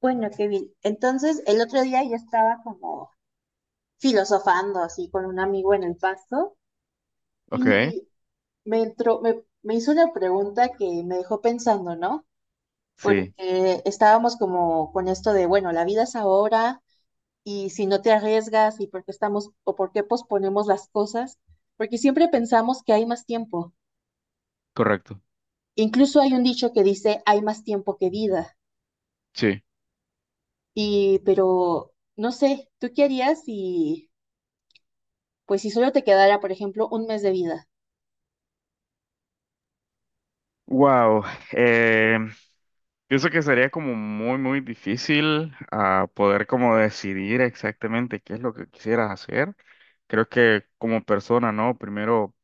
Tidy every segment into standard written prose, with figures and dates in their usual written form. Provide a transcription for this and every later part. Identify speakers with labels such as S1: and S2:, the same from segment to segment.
S1: Bueno, qué bien. Entonces, el otro día yo estaba como filosofando así con un amigo en el pasto
S2: Ok,
S1: y me hizo una pregunta que me dejó pensando, ¿no?
S2: sí,
S1: Porque estábamos como con esto de, bueno, la vida es ahora y si no te arriesgas y por qué estamos o por qué posponemos las cosas, porque siempre pensamos que hay más tiempo.
S2: correcto.
S1: Incluso hay un dicho que dice, hay más tiempo que vida.
S2: Sí.
S1: Y, pero, no sé, ¿tú qué harías si... pues si solo te quedara, por ejemplo, un mes de vida?
S2: Wow. eh, Pienso que sería como muy, muy difícil poder como decidir exactamente qué es lo que quisieras hacer. Creo que como persona, ¿no? Primero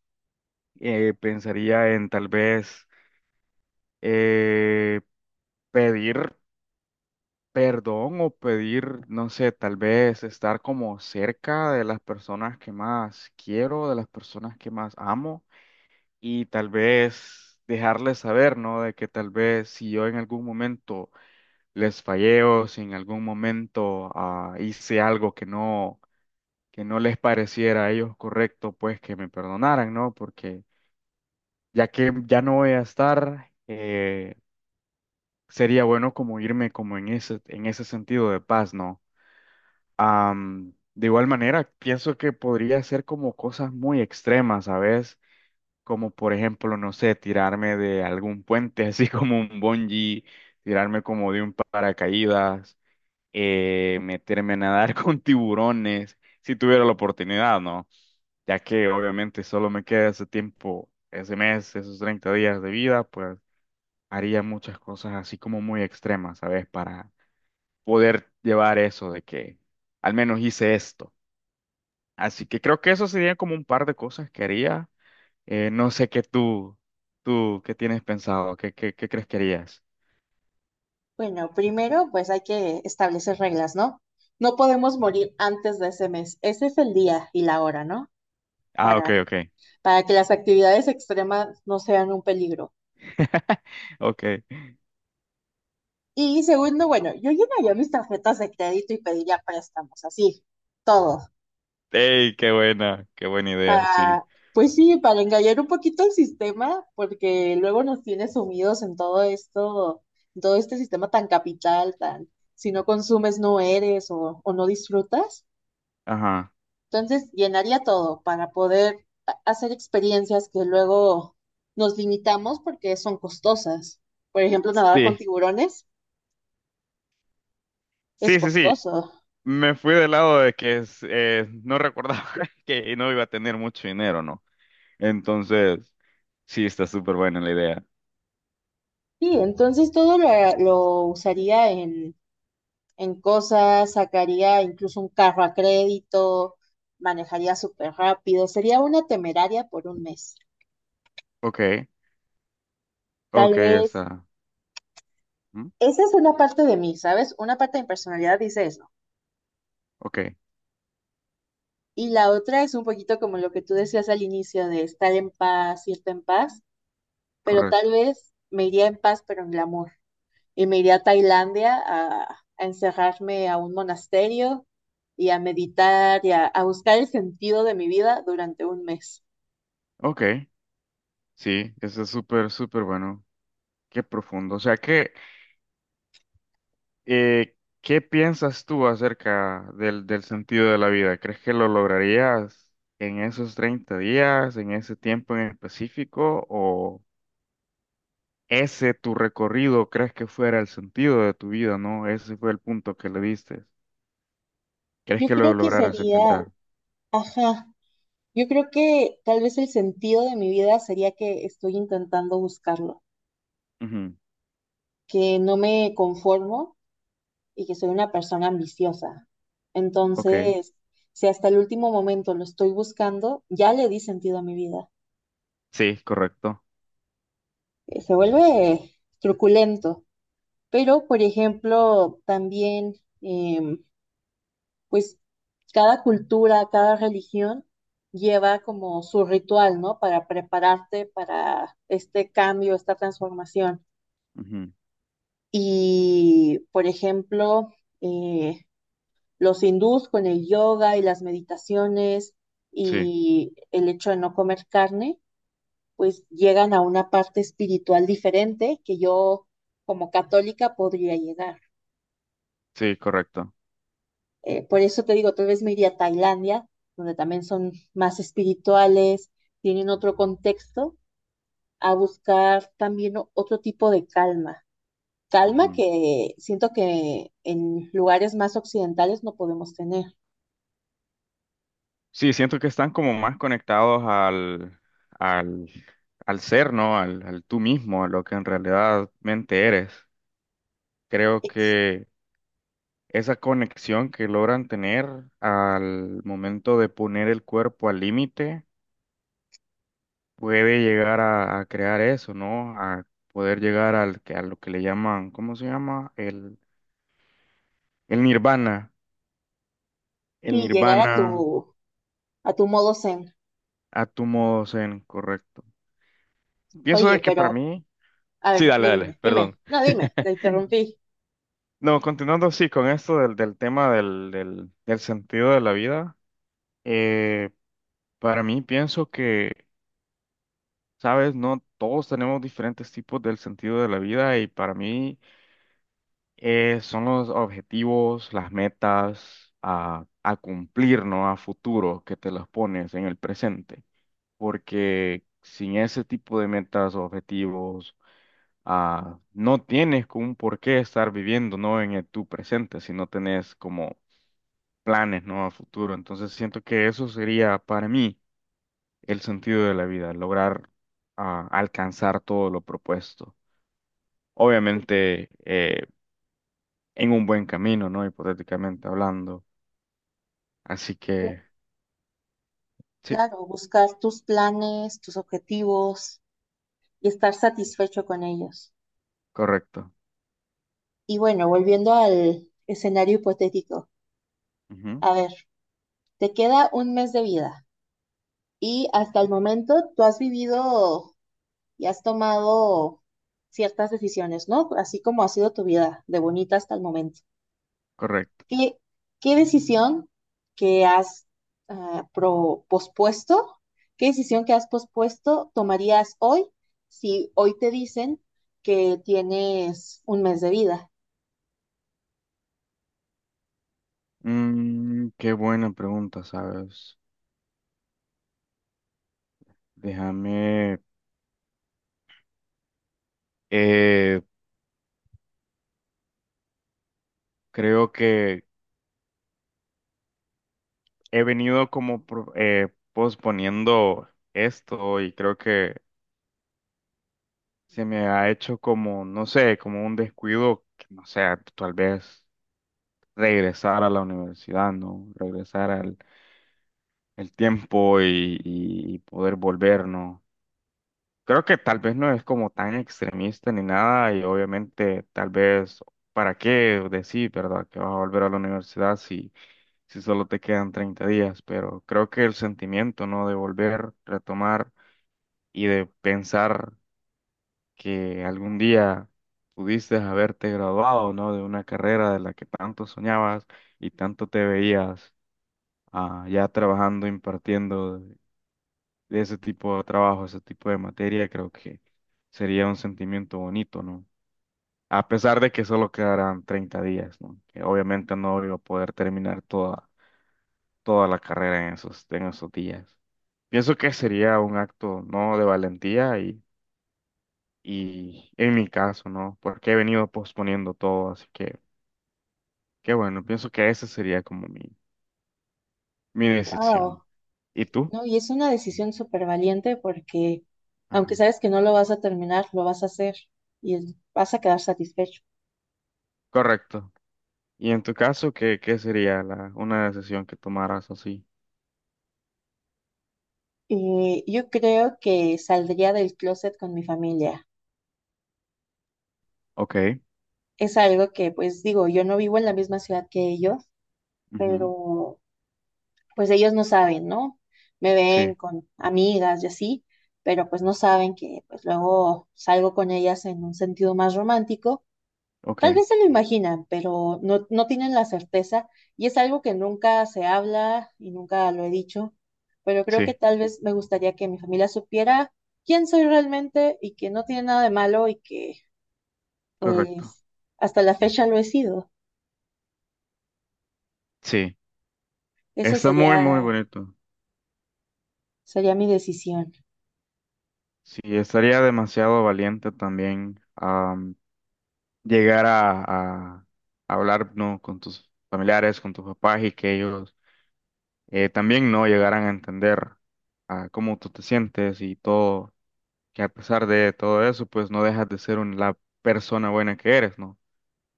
S2: pensaría en tal vez eh, pedir perdón o pedir, no sé, tal vez estar como cerca de las personas que más quiero, de las personas que más amo. Y tal vez dejarles saber, ¿no? De que tal vez si yo en algún momento les fallé o si en algún momento hice algo que no les pareciera a ellos correcto, pues que me perdonaran, ¿no? Porque ya que ya no voy a estar, sería bueno como irme como en ese sentido de paz, ¿no? De igual manera, pienso que podría ser como cosas muy extremas, ¿sabes? Como por ejemplo, no sé, tirarme de algún puente, así como un bungee, tirarme como de un paracaídas, meterme a nadar con tiburones, si tuviera la oportunidad, ¿no? Ya que obviamente solo me queda ese tiempo, ese mes, esos 30 días de vida, pues haría muchas cosas así como muy extremas, ¿sabes? Para poder llevar eso de que al menos hice esto. Así que creo que eso sería como un par de cosas que haría. No sé qué tú, qué tienes pensado, qué crees que harías.
S1: Bueno, primero pues hay que establecer reglas, ¿no? No podemos morir antes de ese mes. Ese es el día y la hora, ¿no?
S2: Ah, ok,
S1: Para,
S2: ok.
S1: para que las actividades extremas no sean un peligro.
S2: Ok.
S1: Y segundo, bueno, yo llenaría mis tarjetas de crédito y pediría préstamos, así, todo.
S2: Ey, qué buena idea, sí.
S1: Para, pues sí, para engañar un poquito el sistema, porque luego nos tiene sumidos en todo esto, en todo este sistema tan capital, tan, si no consumes no eres o no disfrutas.
S2: Ajá.
S1: Entonces, llenaría todo para poder hacer experiencias que luego nos limitamos porque son costosas. Por ejemplo, nadar con
S2: Sí,
S1: tiburones es
S2: sí, sí, sí.
S1: costoso.
S2: Me fui del lado de que no recordaba que no iba a tener mucho dinero, ¿no? Entonces, sí, está súper buena la idea.
S1: Sí, entonces todo lo usaría en cosas, sacaría incluso un carro a crédito, manejaría súper rápido, sería una temeraria por un mes.
S2: Ok, ok,
S1: Tal
S2: ya
S1: vez
S2: está. ¿Mm?
S1: esa es una parte de mí, ¿sabes? Una parte de mi personalidad dice eso.
S2: Ok,
S1: Y la otra es un poquito como lo que tú decías al inicio de estar en paz, irte en paz, pero
S2: correcto.
S1: tal vez me iría en paz, pero en glamour. Y me iría a Tailandia a encerrarme a un monasterio y a meditar y a buscar el sentido de mi vida durante un mes.
S2: Ok, sí, eso es súper, súper bueno. Qué profundo. O sea que Eh, ¿qué piensas tú acerca del sentido de la vida? ¿Crees que lo lograrías en esos 30 días, en ese tiempo en específico? ¿O ese tu recorrido crees que fuera el sentido de tu vida, no? Ese fue el punto que le diste. ¿Crees
S1: Yo
S2: que lo
S1: creo que
S2: lograras
S1: sería,
S2: alcanzar?
S1: ajá, yo creo que tal vez el sentido de mi vida sería que estoy intentando buscarlo,
S2: Ujú.
S1: que no me conformo y que soy una persona ambiciosa.
S2: Ok,
S1: Entonces, si hasta el último momento lo estoy buscando, ya le di sentido a mi vida.
S2: sí, correcto.
S1: Se vuelve truculento, pero por ejemplo, también, em, pues cada cultura, cada religión lleva como su ritual, ¿no? Para prepararte para este cambio, esta transformación.
S2: Ujú.
S1: Y, por ejemplo, eh, los hindús con el yoga y las meditaciones
S2: Sí,
S1: y el hecho de no comer carne, pues llegan a una parte espiritual diferente que yo como católica podría llegar.
S2: sí, correcto.
S1: Por eso te digo, tal vez me iría a Tailandia, donde también son más espirituales, tienen otro contexto, a buscar también otro tipo de calma. Calma que siento que en lugares más occidentales no podemos tener.
S2: Sí, siento que están como más conectados al, al, al ser, ¿no? Al, al tú mismo, a lo que en realidad mente eres. Creo
S1: Ex-
S2: que esa conexión que logran tener al momento de poner el cuerpo al límite puede llegar a crear eso, ¿no? A poder llegar a lo que le llaman, ¿cómo se llama? El nirvana. El
S1: Y llegar
S2: nirvana
S1: a tu modo zen.
S2: a tu modo zen, correcto. Pienso de
S1: Oye,
S2: que para
S1: pero,
S2: mí...
S1: a
S2: Sí,
S1: ver,
S2: dale,
S1: no
S2: dale,
S1: dime, dime,
S2: perdón.
S1: no dime, te interrumpí.
S2: No, continuando sí con esto del, del tema del, del sentido de la vida, eh, para mí pienso que, sabes, no todos tenemos diferentes tipos del sentido de la vida y para mí son los objetivos, las metas a cumplir, ¿no? A futuro que te las pones en el presente, porque sin ese tipo de metas, o objetivos, no tienes como un por qué estar viviendo, ¿no? En tu presente, si no tenés como planes, ¿no? A futuro. Entonces siento que eso sería para mí el sentido de la vida, lograr alcanzar todo lo propuesto. Obviamente en un buen camino, ¿no? Hipotéticamente hablando. Así
S1: Cl-
S2: que sí,
S1: Claro, buscar tus planes, tus objetivos y estar satisfecho con ellos.
S2: correcto.
S1: Y bueno, volviendo al escenario hipotético.
S2: Ujú,
S1: A ver, te queda un mes de vida y hasta el momento tú has vivido y has tomado ciertas decisiones, ¿no? Así como ha sido tu vida de bonita hasta el momento.
S2: correcto.
S1: ¿Qué, qué decisión que has pospuesto, qué decisión que has pospuesto tomarías hoy si hoy te dicen que tienes un mes de vida?
S2: Mm, qué buena pregunta, ¿sabes? Déjame, eh, creo que he venido como posponiendo esto y creo que se me ha hecho como, no sé, como un descuido, que, no sé, tal vez regresar a la universidad, ¿no? Regresar al el tiempo y, y poder volver, ¿no? Creo que tal vez no es como tan extremista ni nada y obviamente tal vez, ¿para qué decir, verdad, que vas a volver a la universidad si, si solo te quedan 30 días? Pero creo que el sentimiento, ¿no? De volver, retomar y de pensar. Que algún día pudiste haberte graduado, ¿no? De una carrera de la que tanto soñabas y tanto te veías ya trabajando, impartiendo de ese tipo de trabajo, ese tipo de materia, creo que sería un sentimiento bonito, ¿no? A pesar de que solo quedarán 30 días, ¿no? Que obviamente no iba a poder terminar toda, toda la carrera en esos días. Pienso que sería un acto, ¿no? De valentía. Y en mi caso, ¿no? Porque he venido posponiendo todo, así que, qué bueno, pienso que esa sería como mi decisión.
S1: Wow,
S2: ¿Y tú?
S1: ¿no? Y es una decisión súper valiente porque aunque
S2: Ajá.
S1: sabes que no lo vas a terminar, lo vas a hacer y vas a quedar satisfecho.
S2: Correcto. ¿Y en tu caso, qué, qué sería una decisión que tomaras así?
S1: Yo creo que saldría del closet con mi familia.
S2: Ok.
S1: Es algo que, pues digo, yo no vivo en la misma ciudad que ellos,
S2: Ujú.
S1: pero pues ellos no saben, ¿no? Me ven
S2: Sí.
S1: con amigas y así, pero pues no saben que pues luego salgo con ellas en un sentido más romántico. Tal
S2: Ok.
S1: vez se lo imaginan, pero no, no tienen la certeza y es algo que nunca se habla y nunca lo he dicho, pero creo que
S2: Sí.
S1: tal vez me gustaría que mi familia supiera quién soy realmente y que no tiene nada de malo y que
S2: Correcto.
S1: pues hasta la fecha lo he sido.
S2: Sí.
S1: Eso
S2: Está muy, muy
S1: sería,
S2: bonito.
S1: sería mi decisión.
S2: Sí, estaría demasiado valiente también llegar a hablar, ¿no? Con tus familiares, con tus papás y que ellos también no llegarán a entender a cómo tú te sientes y todo, que a pesar de todo eso, pues no dejas de ser la persona buena que eres, ¿no?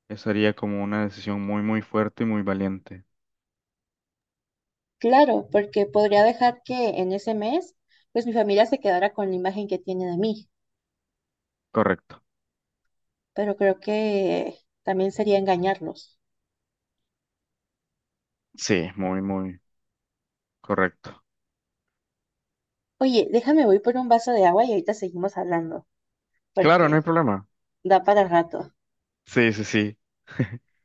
S2: Esa sería como una decisión muy, muy fuerte y muy valiente.
S1: Claro, porque podría dejar que en ese mes pues mi familia se quedara con la imagen que tiene de mí,
S2: Correcto.
S1: pero creo que también sería engañarlos.
S2: Sí, muy, muy correcto.
S1: Oye, déjame voy por un vaso de agua y ahorita seguimos hablando,
S2: Claro, no hay
S1: porque
S2: problema.
S1: da para rato.
S2: Sí, sí, sí.